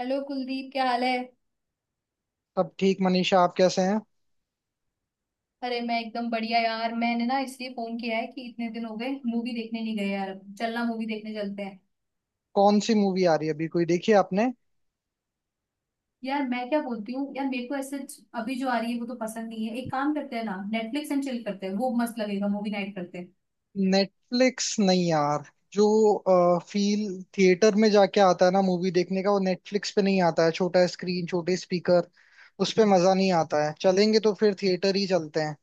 Hello Kuldeep, क्या हाल है। सब ठीक मनीषा। आप कैसे हैं? अरे मैं एकदम बढ़िया यार। मैंने ना इसलिए फोन किया है कि इतने दिन हो गए मूवी देखने नहीं गए। यार चलना, मूवी देखने चलते हैं। कौन सी मूवी आ रही है अभी? कोई देखी है आपने? यार मैं क्या बोलती हूँ यार, मेरे को ऐसे। अभी जो आ रही है वो तो पसंद नहीं है। एक काम करते हैं ना, नेटफ्लिक्स एंड चिल करते हैं। वो मस्त लगेगा, मूवी नाइट करते हैं। नेटफ्लिक्स नहीं यार। जो फील थिएटर में जाके आता है ना मूवी देखने का, वो नेटफ्लिक्स पे नहीं आता है। छोटा स्क्रीन, छोटे स्पीकर, उस पे मजा नहीं आता है। चलेंगे तो फिर थिएटर ही चलते हैं।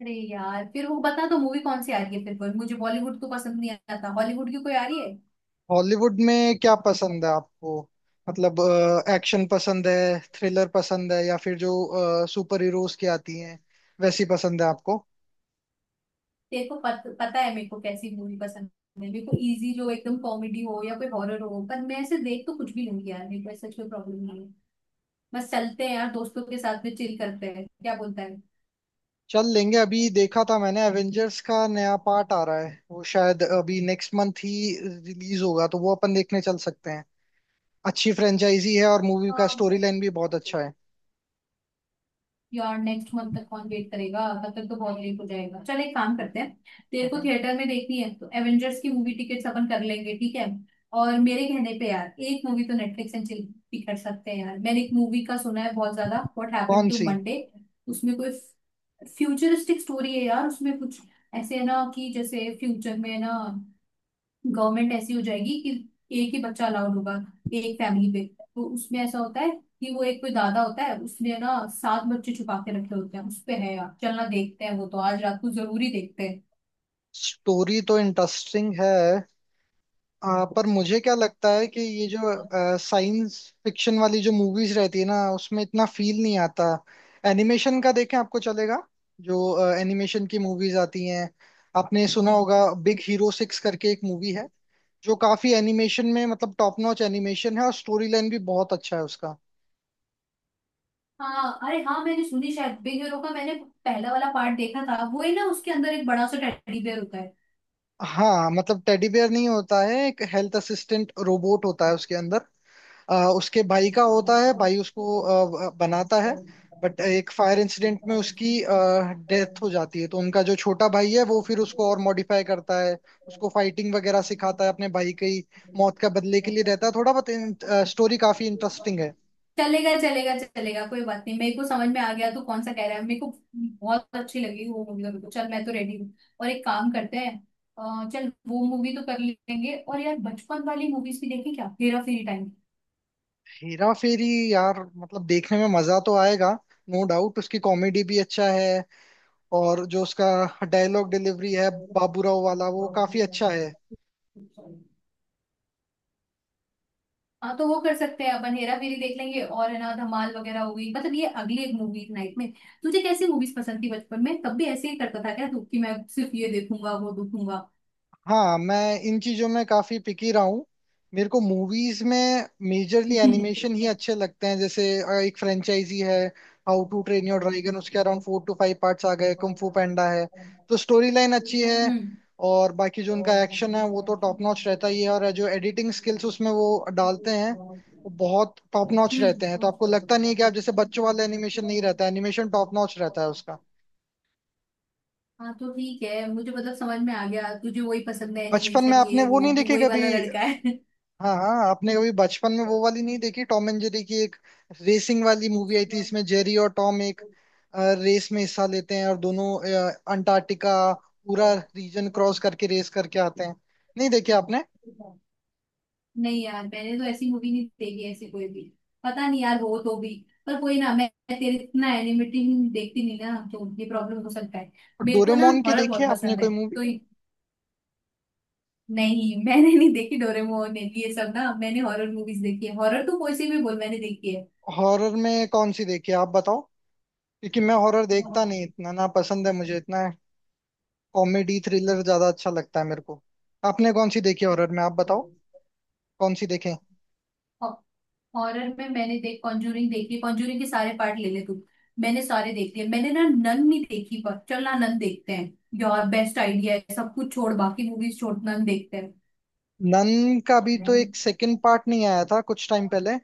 अरे यार फिर वो बता दो, मूवी कौन सी आ रही है। फिर वो, मुझे बॉलीवुड तो पसंद नहीं आता, हॉलीवुड की कोई आ रही है। हॉलीवुड में क्या पसंद है आपको? मतलब, एक्शन पसंद है, थ्रिलर पसंद है, या फिर जो सुपर हीरोज की आती हैं वैसी पसंद है आपको? तेरे को पता है मेरे को कैसी मूवी पसंद है। मेरे को इजी, जो एकदम कॉमेडी हो या कोई हॉरर हो। पर मैं ऐसे देख तो कुछ भी लूंगी यार, मेरे को ऐसा कोई प्रॉब्लम नहीं है। बस चलते हैं यार, दोस्तों के साथ में चिल करते हैं, क्या बोलता है। चल लेंगे। अभी देखा था मैंने, एवेंजर्स का नया पार्ट आ रहा है, वो शायद अभी नेक्स्ट मंथ ही रिलीज होगा, तो वो अपन देखने चल सकते हैं। अच्छी फ्रेंचाइजी है और मूवी का स्टोरी लाइन भी बहुत अच्छा है। यार नेक्स्ट मंथ तक कौन वेट करेगा, तब तक तो बहुत लेट हो जाएगा। चल एक काम करते हैं। तेरे को हम्म। थिएटर में देखनी है तो एवेंजर्स की मूवी टिकट्स अपन कर लेंगे, ठीक है। और मेरे कहने पे यार, एक मूवी तो नेटफ्लिक्स एंड चिल भी कर सकते हैं। यार मैंने एक मूवी का सुना है बहुत ज्यादा, व्हाट हैपेंड कौन टू सी? मंडे। उसमें कोई फ्यूचरिस्टिक स्टोरी है यार। उसमें कुछ ऐसे है ना, कि जैसे फ्यूचर में है ना, गवर्नमेंट ऐसी हो जाएगी कि एक ही बच्चा अलाउड होगा एक फैमिली पे। तो उसमें ऐसा होता है कि वो एक कोई दादा होता है, उसने ना सात बच्चे छुपा के रखे होते हैं। उस पे है यार, चलना देखते हैं। वो तो आज रात को जरूरी देखते हैं। स्टोरी तो इंटरेस्टिंग है। पर मुझे क्या लगता है कि ये जो साइंस फिक्शन वाली जो मूवीज रहती है ना, उसमें इतना फील नहीं आता। एनिमेशन का देखें, आपको चलेगा? जो एनिमेशन की मूवीज आती हैं, आपने सुना होगा, बिग हीरो सिक्स करके एक मूवी है, जो काफी एनिमेशन में मतलब टॉप नॉच एनिमेशन है और स्टोरी लाइन भी बहुत अच्छा है उसका। हाँ, अरे हाँ मैंने सुनी। शायद बिग हीरो का मैंने पहला वाला पार्ट देखा था, वो ही ना, उसके अंदर एक बड़ा सा टेडी बेयर होता हाँ, मतलब टेडी बेयर नहीं होता है, एक हेल्थ असिस्टेंट रोबोट होता है उसके अंदर। उसके भाई का होता है, भाई उसको बनाता है। बट एक फायर इंसिडेंट में उसकी है। डेथ हो जाती है, तो उनका जो छोटा भाई है वो फिर उसको और मॉडिफाई करता है। उसको फाइटिंग वगैरह सिखाता है, अपने भाई की मौत का बदले के लिए रहता है, थोड़ा बहुत। स्टोरी काफी इंटरेस्टिंग है। चलेगा चलेगा चलेगा, कोई बात नहीं। मेरे को समझ में आ गया तू कौन सा कह रहा है। मेरे को बहुत अच्छी लगी वो मूवी, मेरे को। चल मैं तो रेडी हूँ, और एक काम करते हैं। चल वो मूवी तो कर लेंगे। और यार बचपन वाली मूवीज भी देखें क्या, हेरा फेरी। हेरा फेरी, यार मतलब देखने में मजा तो आएगा। नो डाउट, उसकी कॉमेडी भी अच्छा है। और जो उसका डायलॉग डिलीवरी है बाबूराव वाला, वो काफी अच्छा है। टाइम। हाँ तो वो कर सकते हैं, अपन हेरा फेरी देख लेंगे, और है ना धमाल वगैरह हो गई, मतलब ये अगली एक मूवी नाइट में। तुझे कैसी मूवीज पसंद थी बचपन में? तब भी ऐसे ही करता था क्या तू, कि मैं सिर्फ ये देखूंगा वो देखूंगा। हाँ, मैं इन चीजों में काफी पिकी रहा हूँ। मेरे को मूवीज में मेजरली एनिमेशन ही अच्छे लगते हैं। जैसे एक फ्रेंचाइजी है, how to train your dragon, उसके around four to five parts आ गए। कुंग फू पैंडा है, तो स्टोरी लाइन अच्छी है। हम्म। और बाकी जो उनका एक्शन है वो तो टॉप नॉच रहता ही है, और जो एडिटिंग स्किल्स उसमें वो डालते हैं वो बहुत टॉप नॉच हम्म। रहते हैं। तो आपको लगता नहीं है कि आप जैसे, बच्चों वाला एनिमेशन नहीं रहता, एनिमेशन टॉप नॉच रहता है उसका। हाँ तो ठीक है, मुझे मतलब समझ में आ गया तुझे वही पसंद है बचपन में एनिमेशन ये आपने वो वो, नहीं तू देखे वही कभी? वाला लड़का है। हाँ हाँ, आपने कभी बचपन में वो वाली नहीं देखी। टॉम एंड जेरी की एक रेसिंग वाली मूवी आई थी, इसमें जेरी और टॉम एक रेस में हिस्सा लेते हैं, और दोनों अंटार्कटिका पूरा रीजन क्रॉस करके रेस करके आते हैं। नहीं देखी आपने? नहीं यार, मैंने तो ऐसी मूवी नहीं देखी, ऐसी कोई भी पता नहीं यार हो तो भी। पर कोई ना, मैं तेरे इतना एनिमेटेड देखती नहीं ना, तो ये प्रॉब्लम हो सकता है। मेरे को ना डोरेमोन की हॉरर देखी है बहुत आपने पसंद कोई है। मूवी? तो ये- नहीं, मैंने नहीं देखी डोरेमोन ने ये सब ना, मैंने हॉरर मूवीज देखी है। हॉरर तो कोई सी भी बोल, मैंने देखी है। हॉरर में कौन सी देखी है आप बताओ, क्योंकि मैं हॉरर देखता नहीं इतना, ना पसंद है मुझे इतना। कॉमेडी थ्रिलर ज्यादा अच्छा लगता है मेरे को। आपने कौन सी देखी हॉरर में आप बताओ, कौन सी देखें? हॉरर में मैंने देख कॉन्जूरिंग देखी, कॉन्जूरिंग के सारे पार्ट ले ले तू, मैंने सारे देख लिए। मैंने ना नन नहीं देखी, पर चल ना नन देखते हैं। यार बेस्ट आइडिया है, सब कुछ छोड़, बाकी मूवीज छोड़, नन देखते हैं। नन का भी तो एक सेकंड पार्ट नहीं आया था कुछ टाइम पहले?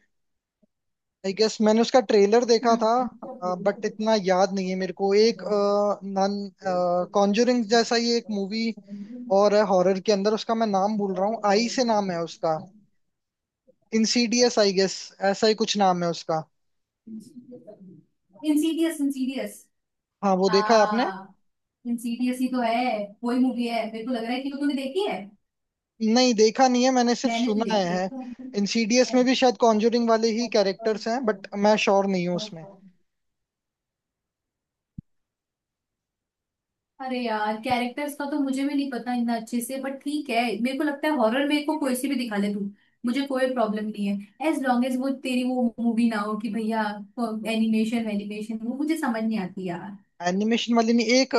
आई गेस मैंने उसका ट्रेलर देखा था हम्म। बट इतना याद नहीं है मेरे को। एक नन कॉन्जुरिंग जैसा ही एक मूवी और है हॉरर के अंदर, उसका मैं नाम भूल रहा हूँ, आई से नाम है उसका। इंसीडियस आई गेस, ऐसा ही कुछ नाम है उसका। Insidious, Insidious. हाँ, वो देखा है आपने? हाँ इंसीडियस ही तो है, वही मूवी है। मेरे को लग रहा है कि वो तूने देखी है, नहीं, देखा नहीं है मैंने, सिर्फ मैंने तो सुना देखी है। है। इंसीडियस में भी शायद कॉन्जुरिंग वाले ही कैरेक्टर्स हैं, बट मैं श्योर नहीं हूँ उसमें। अरे यार, कैरेक्टर्स का तो मुझे भी नहीं पता इतना अच्छे से, बट ठीक है। मेरे को लगता है हॉरर में को कोई सी भी दिखा ले तू, मुझे कोई प्रॉब्लम नहीं है। एज लॉन्ग एज वो तेरी वो मूवी ना हो कि भैया एनिमेशन एनिमेशन, वो मुझे समझ नहीं आती यार। एनिमेशन वाली नहीं, एक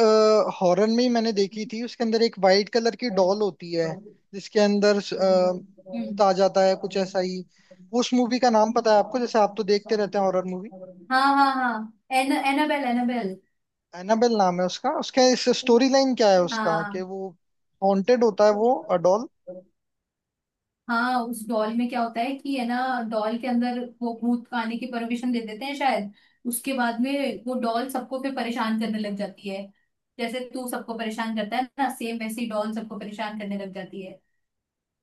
हॉरर में ही मैंने देखी थी, उसके अंदर एक वाइट कलर की डॉल होती है जिसके अंदर भूत हम्म। आ जाता है, कुछ ऐसा ही। उस मूवी का नाम पता है आपको, जैसे आप तो देखते रहते हैं हॉरर मूवी? हाँ हाँ हाँ। An Annabelle, Annabelle. एनाबेल नाम है उसका। उसका इस स्टोरी लाइन क्या है उसका कि हाँ। वो हॉन्टेड होता है वो डॉल। हाँ, उस डॉल में क्या होता है कि है ना, डॉल के अंदर वो भूत आने की परमिशन दे देते हैं शायद। उसके बाद में वो डॉल सबको फिर परेशान करने लग जाती है, जैसे तू सबको परेशान करता है ना, सेम वैसे ही डॉल सबको परेशान करने लग जाती है।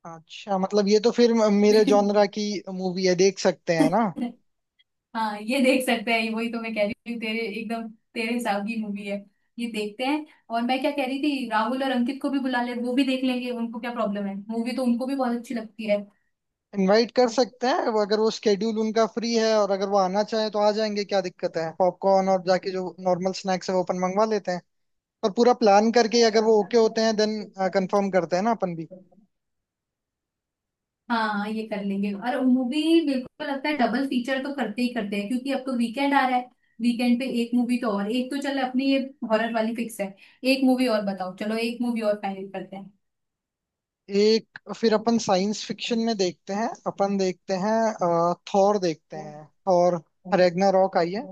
अच्छा, मतलब ये तो फिर मेरे जॉनरा की मूवी है, देख सकते हैं ना? हाँ ये देख सकते हैं, वही तो मैं कह रही हूँ, तेरे एकदम तेरे हिसाब की मूवी है, ये देखते हैं। और मैं क्या कह रही थी, राहुल और अंकित को भी बुला ले, वो भी देख लेंगे, उनको क्या प्रॉब्लम है, मूवी तो उनको भी बहुत अच्छी लगती है। इनवाइट कर सकते हैं वो, अगर वो स्केड्यूल उनका फ्री है और अगर वो आना चाहे तो आ जाएंगे, क्या दिक्कत है? पॉपकॉर्न और जाके जो नॉर्मल स्नैक्स है वो अपन मंगवा लेते हैं, और पूरा प्लान करके अगर वो ओके होते हैं देन कंफर्म करते हैं ना अपन भी। हाँ ये कर लेंगे। और मूवी बिल्कुल लगता है, डबल फीचर तो करते ही करते हैं, क्योंकि अब तो वीकेंड आ रहा है। वीकेंड पे एक मूवी तो, और एक तो, चल अपनी ये हॉरर वाली फिक्स है। एक मूवी और बताओ, चलो एक मूवी और फाइनल करते हैं। एक फिर अपन साइंस फिक्शन में देखते हैं, अपन देखते हैं थॉर देखते हैं और रैग्नारॉक आई है,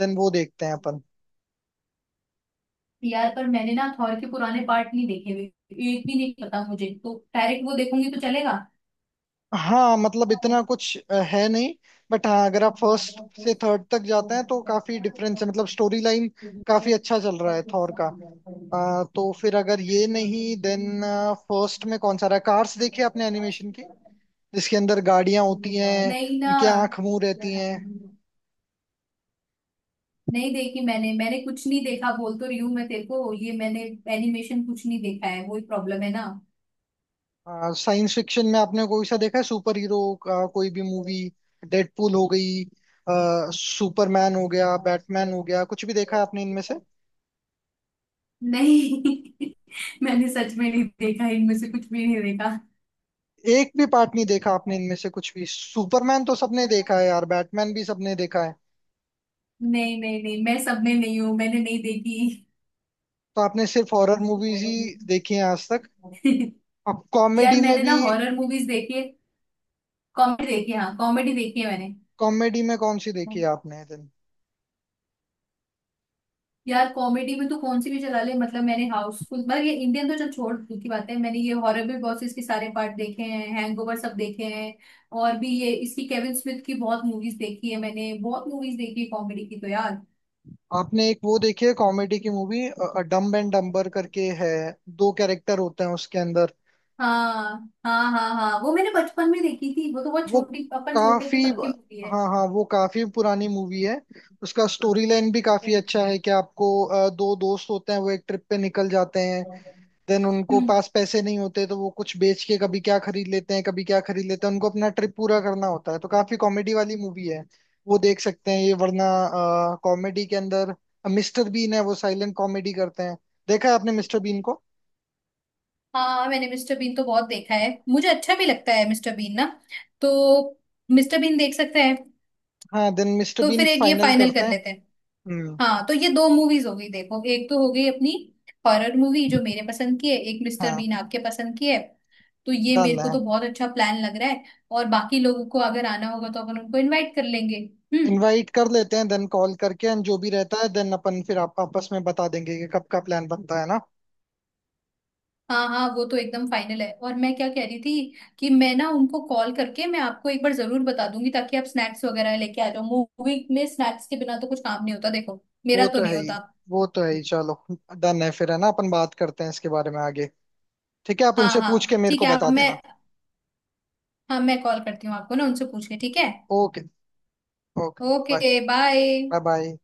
देन वो देखते हैं अपन। यार पर मैंने ना थॉर के पुराने पार्ट नहीं देखे हुए, एक भी नहीं, पता मुझे, तो डायरेक्ट वो देखूंगी तो चलेगा। हाँ, मतलब इतना कुछ है नहीं, बट हाँ, अगर आप फर्स्ट से थर्ड तक जाते हैं तो काफी डिफरेंस है, मतलब स्टोरी लाइन काफी अच्छा चल रहा है थॉर का। तो फिर अगर ये नहीं, देन फर्स्ट में कौन सा रहा? कार्स देखी आपने, एनिमेशन की, जिसके अंदर गाड़ियां होती हैं, नहीं ना। उनकी आंख मुंह रहती हैं? नहीं देखी मैंने। मैंने कुछ नहीं देखा, बोल तो रही हूँ मैं तेरे को ये, मैंने एनिमेशन कुछ नहीं देखा है, वही प्रॉब्लम है ना। साइंस फिक्शन में आपने कोई सा देखा है, सुपर हीरो का कोई भी मूवी? डेडपूल हो गई, सुपरमैन हो गया, बैटमैन हो गया, कुछ भी देखा है आपने इनमें से? नहीं, मैंने सच में नहीं देखा, इनमें से कुछ भी नहीं देखा। एक भी पार्ट नहीं देखा आपने इनमें से कुछ भी? सुपरमैन तो सबने देखा है यार, बैटमैन भी सबने देखा है। नहीं नहीं नहीं, मैं सब में नहीं हूँ, मैंने नहीं तो आपने सिर्फ हॉरर मूवीज ही देखी हैं आज तक? देखी। अब यार कॉमेडी में मैंने भी? ना हॉरर मूवीज देखी है, कॉमेडी देखी है, हाँ कॉमेडी देखी है मैंने। कॉमेडी में कौन सी देखी है आपने दिन? यार कॉमेडी में तो कौन सी भी चला ले, मतलब मैंने हाउसफुल, मतलब ये इंडियन तो चल छोड़, दूर की बात है, मैंने ये हॉरर भी बहुत से, इसके सारे पार्ट देखे हैं, हैंगओवर सब देखे हैं। और भी ये, इसकी केविन स्मिथ की बहुत मूवीज देखी है मैंने, बहुत मूवीज देखी है कॉमेडी की तो यार। आपने एक वो देखी है कॉमेडी की मूवी, डम्ब एंड डम्बर करके है, दो कैरेक्टर होते हैं उसके अंदर? हाँ हाँ हाँ हाँ, वो मैंने बचपन में देखी थी, वो तो बहुत वो छोटी, अपन छोटे थे काफी, तब की मूवी है। हाँ हाँ, वो काफी पुरानी मूवी है। उसका स्टोरी लाइन भी काफी अच्छा है कि आपको, दो दोस्त होते हैं, वो एक ट्रिप पे निकल जाते हैं, देन उनको हम्म। पास पैसे नहीं होते तो वो कुछ बेच के कभी क्या खरीद लेते हैं कभी क्या खरीद लेते हैं, उनको अपना ट्रिप पूरा करना होता है, तो काफी कॉमेडी वाली मूवी है। वो देख सकते हैं, ये वरना कॉमेडी के अंदर मिस्टर बीन है वो साइलेंट कॉमेडी करते हैं, देखा है आपने मिस्टर बीन को? हाँ, मैंने मिस्टर बीन तो बहुत देखा है, मुझे अच्छा भी लगता है मिस्टर बीन ना। तो मिस्टर बीन देख सकते हैं। हाँ, देन मिस्टर तो बीन फिर एक ये फाइनल फाइनल करते कर हैं। लेते हैं। हम्म। हाँ तो ये दो मूवीज हो गई, देखो एक तो हो गई अपनी हॉरर मूवी जो मेरे पसंद की है, एक मिस्टर हाँ, बीन आपके पसंद की है। तो ये डन मेरे को है। तो बहुत अच्छा प्लान लग रहा है। और बाकी लोगों को अगर आना होगा तो अपन उनको इनवाइट कर लेंगे। हम्म। इनवाइट कर लेते हैं देन, कॉल करके, एंड जो भी रहता है देन अपन फिर आप आपस में बता देंगे कि कब का प्लान बनता है ना। हाँ हाँ, वो तो एकदम फाइनल है। और मैं क्या कह रही थी, कि मैं ना उनको कॉल करके मैं आपको एक बार जरूर बता दूंगी, ताकि आप स्नैक्स वगैरह लेके आ जाओ। मूवी में स्नैक्स के बिना तो कुछ काम नहीं होता, देखो मेरा वो तो तो नहीं है ही, होता। वो तो है ही। चलो, डन है फिर, है ना? अपन बात करते हैं इसके बारे में आगे। ठीक है, आप हाँ उनसे पूछ हाँ के मेरे ठीक को है, आप, बता मैं। देना। हाँ मैं कॉल करती हूँ आपको ना उनसे पूछ के, ठीक है। Okay. Okay bye. Okay bye. Bye bye.